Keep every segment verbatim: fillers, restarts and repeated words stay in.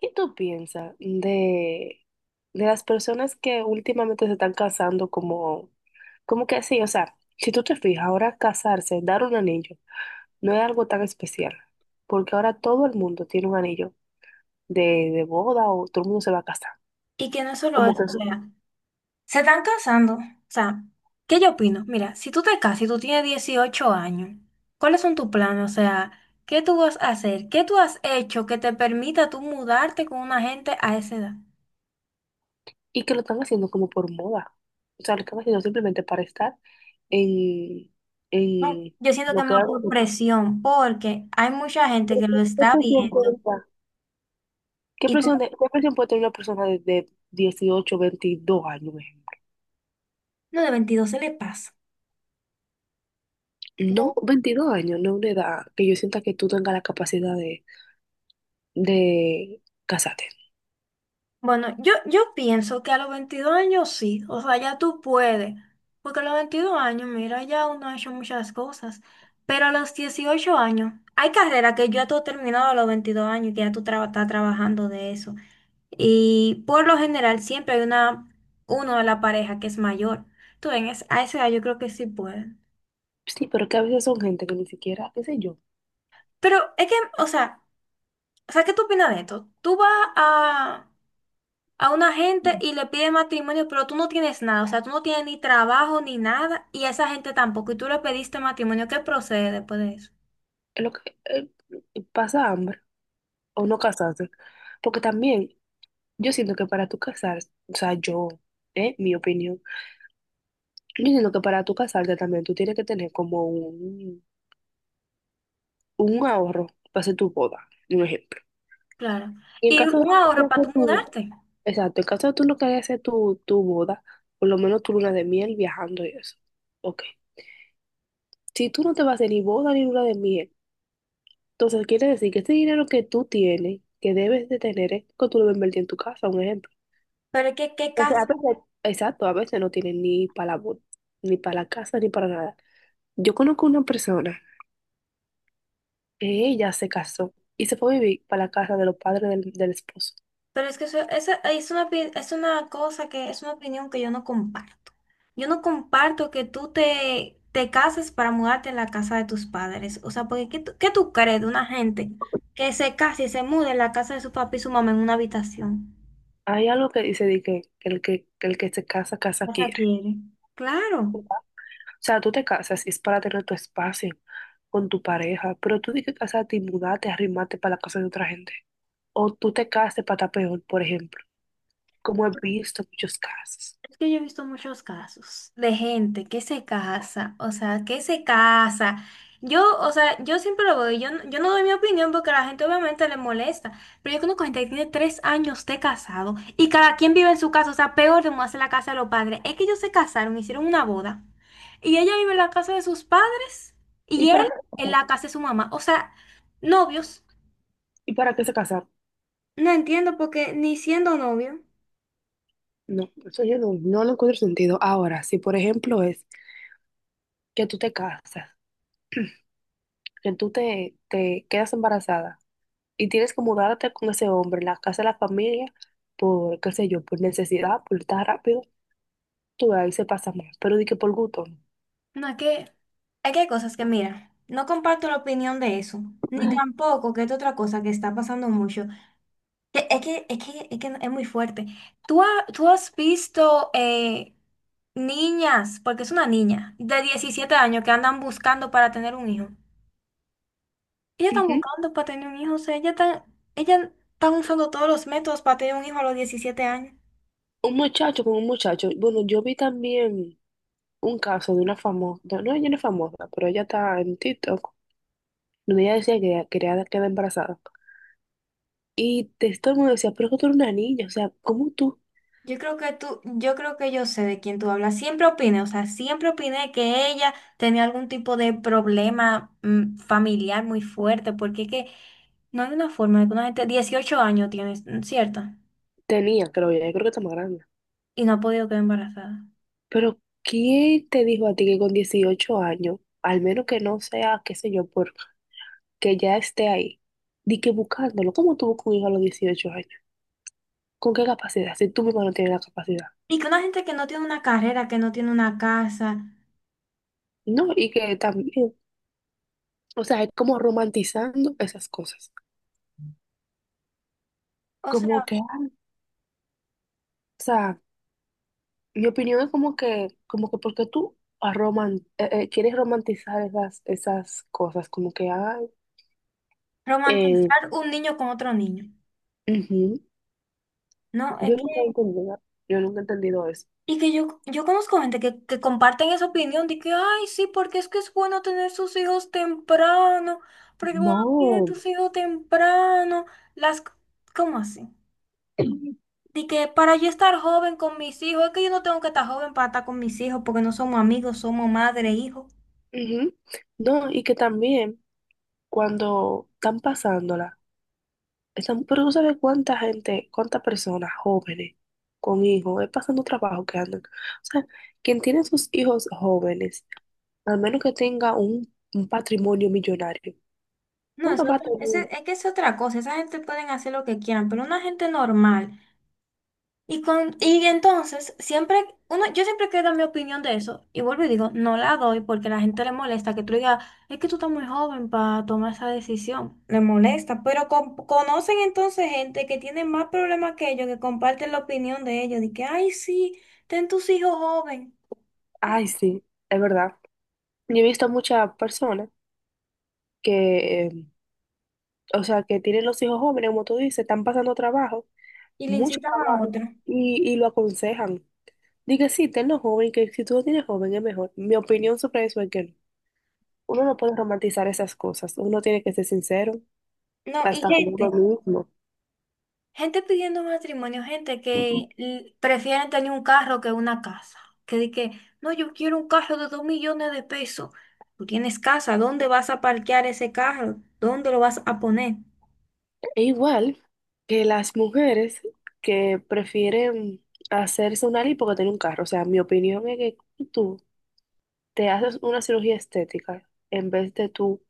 ¿Qué tú piensas de, de las personas que últimamente se están casando como, como que sí? O sea, si tú te fijas, ahora casarse, dar un anillo, no es algo tan especial, porque ahora todo el mundo tiene un anillo de, de boda o todo el mundo se va a casar. Y que no es solo Como eso, que, o sea, se están casando. O sea, ¿qué yo opino? Mira, si tú te casas y tú tienes dieciocho años, ¿cuáles son tus planes? O sea, ¿qué tú vas a hacer? ¿Qué tú has hecho que te permita tú mudarte con una gente a esa edad? y que lo están haciendo como por moda. O sea, lo están haciendo simplemente para estar en, No, en yo siento que lo es que más por ahora... presión, porque hay mucha gente que lo ¿Qué está presión viendo puede dar? ¿Qué y presión como de- qué presión puede tener una persona de, de dieciocho, veintidós años, por ejemplo? no de veintidós se le pasa. No, veintidós años no es una edad que yo sienta que tú tengas la capacidad de, de casarte. Bueno, yo, yo pienso que a los veintidós años sí, o sea, ya tú puedes, porque a los veintidós años, mira, ya uno ha hecho muchas cosas, pero a los dieciocho años, hay carreras que ya tú has terminado a los veintidós años y que ya tú tra- estás trabajando de eso, y por lo general siempre hay una, uno de la pareja que es mayor, tú ven, es- a esa edad yo creo que sí pueden, Sí, pero que a veces son gente que ni siquiera, qué sé yo, pero es que, o sea, o sea, ¿qué tú opinas de esto? Tú vas a a una gente y le pide matrimonio, pero tú no tienes nada, o sea, tú no tienes ni trabajo ni nada, y a esa gente tampoco, y tú le pediste matrimonio, ¿qué procede después de eso? es lo que eh, pasa hambre o no casarse. Porque también yo siento que para tú casarse, o sea, yo, eh, mi opinión, yo siento que para tú casarte también tú tienes que tener como un, un ahorro para hacer tu boda, un ejemplo. Claro. Y en Y caso de... un ahorro para tú mudarte. Exacto, en caso de tú no querías hacer tu, tu boda, por lo menos tu luna de miel viajando y eso. Ok. Si tú no te vas a hacer ni boda ni luna de miel, entonces quiere decir que ese dinero que tú tienes, que debes de tener, es que tú lo invertir en tu casa, un ejemplo. Pero es que, ¿qué Entonces, a casa? veces, exacto, a veces no tienen ni para la boda, ni para la casa, ni para nada. Yo conozco una persona que ella se casó y se fue a vivir para la casa de los padres del, del esposo. Pero es que eso, esa- es una, opi- es una cosa que es una opinión que yo no comparto. Yo no comparto que tú te, te cases para mudarte a la casa de tus padres. O sea, porque ¿qué tú, qué tú crees de una gente que se case y se mude en la casa de su papá y su mamá en una habitación? Hay algo que dice de que, que el que, que el que se casa, casa No se quiere. quiere. Claro, O sea, tú te casas y es para tener tu espacio con tu pareja, pero tú di que casarte y mudarte, arrimarte para la casa de otra gente. O tú te casaste para estar peor, por ejemplo, como he visto muchos casos. es que yo he visto muchos casos de gente que se casa, o sea, que se casa. Yo, o sea, yo siempre lo veo, yo, no- yo no doy mi opinión porque a la gente obviamente le molesta, pero yo conozco gente que tiene tres años de casado y cada quien vive en su casa, o sea, peor de mudarse a la casa de los padres. Es que ellos se casaron, hicieron una boda y ella vive en la casa de sus padres ¿Y y él para qué se en casaron? la casa de su mamá, o sea, novios. ¿Y para qué se casaron? No entiendo porque ni siendo novio. No, eso yo no, no lo encuentro sentido. Ahora, si por ejemplo es que tú te casas, que tú te, te quedas embarazada y tienes que mudarte con ese hombre en la casa de la familia por, qué sé yo, por necesidad, por estar rápido, tú ahí se pasa más, pero di que por gusto, no. No, es que, es que hay cosas que, mira, no comparto la opinión de eso, ni tampoco que es otra cosa que está pasando mucho. que- Es que es, que, es, que es muy fuerte. ¿Tú, ha- tú has visto eh, niñas, porque es una niña, de diecisiete años que andan buscando para tener un hijo? Ellas están Ujú. buscando para tener un hijo, o sea, ellas están, ellas están usando todos los métodos para tener un hijo a los diecisiete años. Un muchacho con un muchacho. Bueno, yo vi también un caso de una famosa, no, ella no es famosa, pero ella está en TikTok, donde ella decía que ella quería quedar embarazada. Y te- todo el mundo decía, pero es que tú eres una niña, o sea, ¿cómo tú Yo creo que tú, yo creo que yo sé de quién tú hablas. Siempre opiné, o sea, siempre opiné que ella tenía algún tipo de problema mm, familiar muy fuerte, porque es que no hay una forma de que una gente, dieciocho años tienes, ¿cierto? tenías, creo yo? Yo creo que está más grande. Y no ha podido quedar embarazada. Pero ¿quién te dijo a ti que con dieciocho años, al menos que no sea, qué sé yo, porque ya esté ahí, di que buscándolo? ¿Cómo tú buscas un hijo a los dieciocho años? ¿Con qué capacidad? Si tú mismo no tienes la capacidad. Y que una gente que no tiene una carrera, que no tiene una casa, No, y que también... O sea, es como romantizando esas cosas. o Como sea, que, o sea, mi opinión es como que, como que porque tú roman- eh, eh, quieres romantizar esas, esas cosas, como que, ay, eh, romantizar un niño con otro niño. ujú. No, es Yo nunca he entendido, yo nunca he entendido eso. Y que yo, yo conozco gente que, que comparten esa opinión de que, ay, sí, porque es que es bueno tener sus hijos temprano, porque cuando tienes No, tus hijos temprano, las... c- ¿Cómo así? De que para yo estar joven con mis hijos, es que yo no tengo que estar joven para estar con mis hijos, porque no somos amigos, somos madre e hijo. ujú. No, y que también cuando están pasándola. Están, pero tú sabes cuánta gente, cuántas personas jóvenes con hijos, es pasando trabajo que andan. O sea, quien tiene sus hijos jóvenes, al menos que tenga un, un patrimonio millonario, No, no es lo va a otra, tener. ese- es, que es otra cosa, esa gente pueden hacer lo que quieran, pero una gente normal. Y, con, y entonces, siempre, uno, yo siempre quiero dar mi opinión de eso y vuelvo y digo, no la doy porque a la gente le molesta que tú digas, es que tú estás muy joven para tomar esa decisión. Le molesta, pero con- conocen entonces gente que tiene más problemas que ellos, que comparten la opinión de ellos, de que, ay, sí, ten tus hijos joven Ay, sí, es verdad. Yo he visto muchas personas que, eh, o sea, que tienen los hijos jóvenes, como tú dices, están pasando trabajo, y le mucho incitan a trabajo, otro. y, y lo aconsejan. Diga sí, tenlo joven, que si tú lo tienes joven es mejor. Mi opinión sobre eso es que no. Uno no puede romantizar esas cosas, uno tiene que ser sincero No, y hasta con uno gente. mismo. Gente pidiendo matrimonio, gente que l- prefieren tener un carro que una casa. Que di que, no, yo quiero un carro de dos millones de pesos. Tú tienes casa, ¿dónde vas a parquear ese carro? ¿Dónde lo vas a poner? E igual que las mujeres que prefieren hacerse una lipo que tener un carro. O sea, mi opinión es que tú te haces una cirugía estética en vez de tú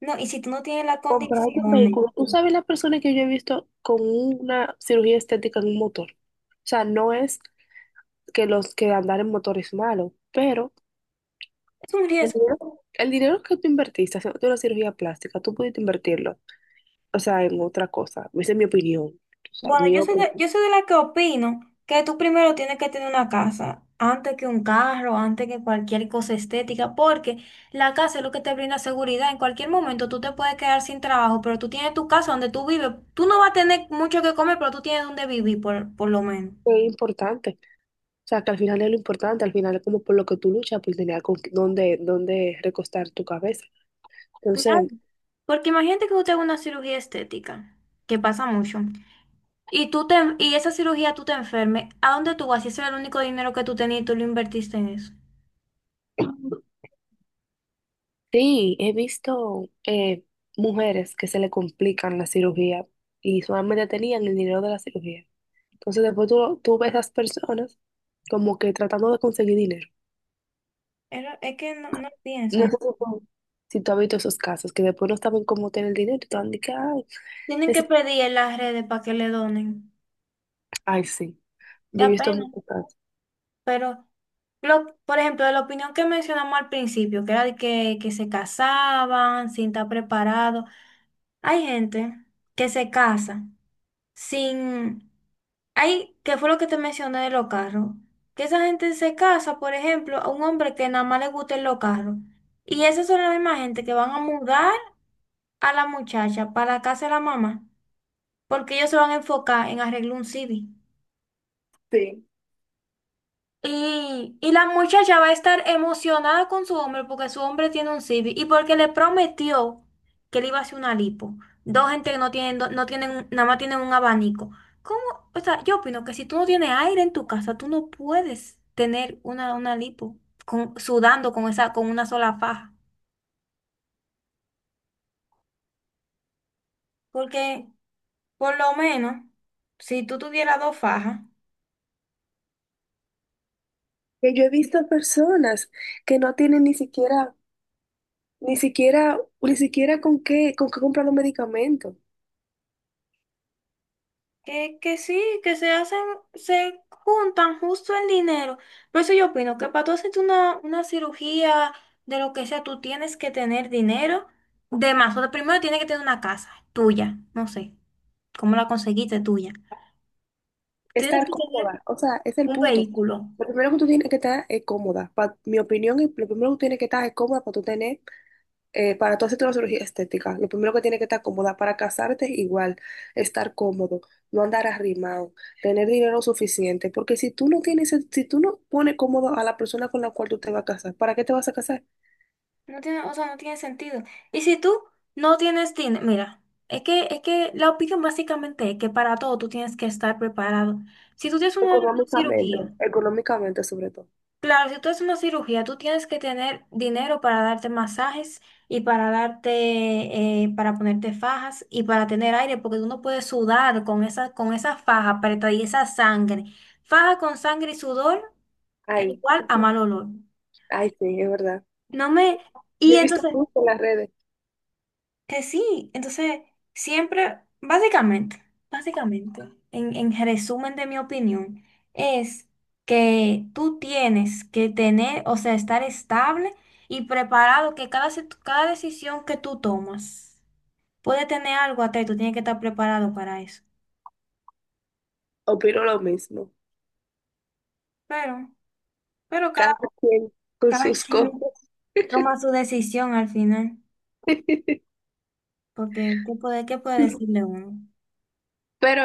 No, y si tú no tienes las comprar un condiciones, vehículo. Tú sabes las personas que yo he visto con una cirugía estética en un motor. O sea, no es que los que andar en motor es malo, pero es un el riesgo. dinero, el dinero que tú invertiste haciendo una cirugía plástica, tú pudiste invertirlo, o sea, en otra cosa. Esa es mi opinión. O sea, Bueno, mi yo soy opinión de, yo soy de la que opino que tú primero tienes que tener una casa, antes que un carro, antes que cualquier cosa estética, porque la casa es lo que te brinda seguridad. En cualquier momento tú te puedes quedar sin trabajo, pero tú tienes tu casa donde tú vives. Tú no vas a tener mucho que comer, pero tú tienes donde vivir, por, por lo menos. es importante. O sea, que al final es lo importante, al final es como por lo que tú luchas, por tener con dónde, dónde recostar tu cabeza. Claro. Entonces, Porque imagínate que tú te hagas una cirugía estética, que pasa mucho, y tú te, y esa cirugía tú te enfermes, ¿a dónde tú vas? Si ese era el único dinero que tú tenías y tú lo invertiste en eso. sí, he visto eh, mujeres que se le complican la cirugía y solamente tenían el dinero de la cirugía. Entonces, después tú, tú ves a esas personas como que tratando de conseguir dinero. Era- Es que no, no No piensa. sé si tú, si tú has visto esos casos, que después no saben cómo tener el dinero y te van a decir, ay, Tienen que necesito... pedir en las redes para que le donen. Ay, sí. Yo he Da visto pena. muchos casos. Pero, lo, por ejemplo, de la opinión que mencionamos al principio, que era de que, que se casaban sin estar preparados. Hay gente que se casa sin. Hay, que fue lo que te mencioné de los carros. Que esa gente se casa, por ejemplo, a un hombre que nada más le gusten los carros. Y esas son las mismas gente que van a mudar a la muchacha para la casa de la mamá. Porque ellos se van a enfocar en arreglar un C D. Sí, Y, y la muchacha va a estar emocionada con su hombre porque su hombre tiene un Civic y porque le prometió que le iba a hacer una lipo. Dos gente que no tienen, do- no tienen, un- nada más tienen un abanico. ¿Cómo? O sea, yo opino que si tú no tienes aire en tu casa, tú no puedes tener una, una lipo con- sudando con esa, con una sola faja. Porque, por lo menos, si tú tuvieras dos fajas. que yo he visto personas que no tienen ni siquiera, ni siquiera, ni siquiera con qué, con qué comprar los medicamentos. Que, que sí, que se hacen, se juntan justo el dinero. Por eso yo opino que para tú hacerte una, una cirugía de lo que sea, tú tienes que tener dinero de más. O sea, primero tienes que tener una casa tuya, no sé, cómo la conseguiste tuya. Tienes Estar que tener cómoda, o sea, es el un punto. vehículo. Lo primero que tú tienes que estar es cómoda. Pa- mi opinión es, lo primero que tú tienes que estar es cómoda para tú tener, eh, para tú hacerte una cirugía estética. Lo primero que tienes que estar cómoda para casarte, igual, estar cómodo, no andar arrimado, tener dinero suficiente. Porque si tú no tienes, si tú no pones cómodo a la persona con la cual tú te vas a casar, ¿para qué te vas a casar? No tiene, o sea, no tiene sentido. Y si tú no tienes dinero, mira, es que, es que la opinión básicamente es que para todo tú tienes que estar preparado. Si tú tienes una una Económicamente, cirugía. económicamente sobre todo. Claro, si tú haces una cirugía, tú tienes que tener dinero para darte masajes y para darte, eh, para ponerte fajas y para tener aire, porque tú no puedes sudar con esa, con esa faja apretada y esa sangre. Faja con sangre y sudor es Ay, igual a ujú. mal olor. Ay, sí, es verdad. No me, y Yo he visto entonces mucho en las redes, Que sí, entonces siempre, básicamente, básicamente, en, en resumen de mi opinión, es que tú tienes que tener, o sea, estar estable y preparado, que cada, se- cada decisión que tú tomas puede tener algo atrás, y tú tienes que estar preparado para eso. opino lo mismo. Pero, pero cada, Cada quien con cada sus cosas. quien toma su decisión al final, porque ¿qué puede, qué puede decirle uno? Pero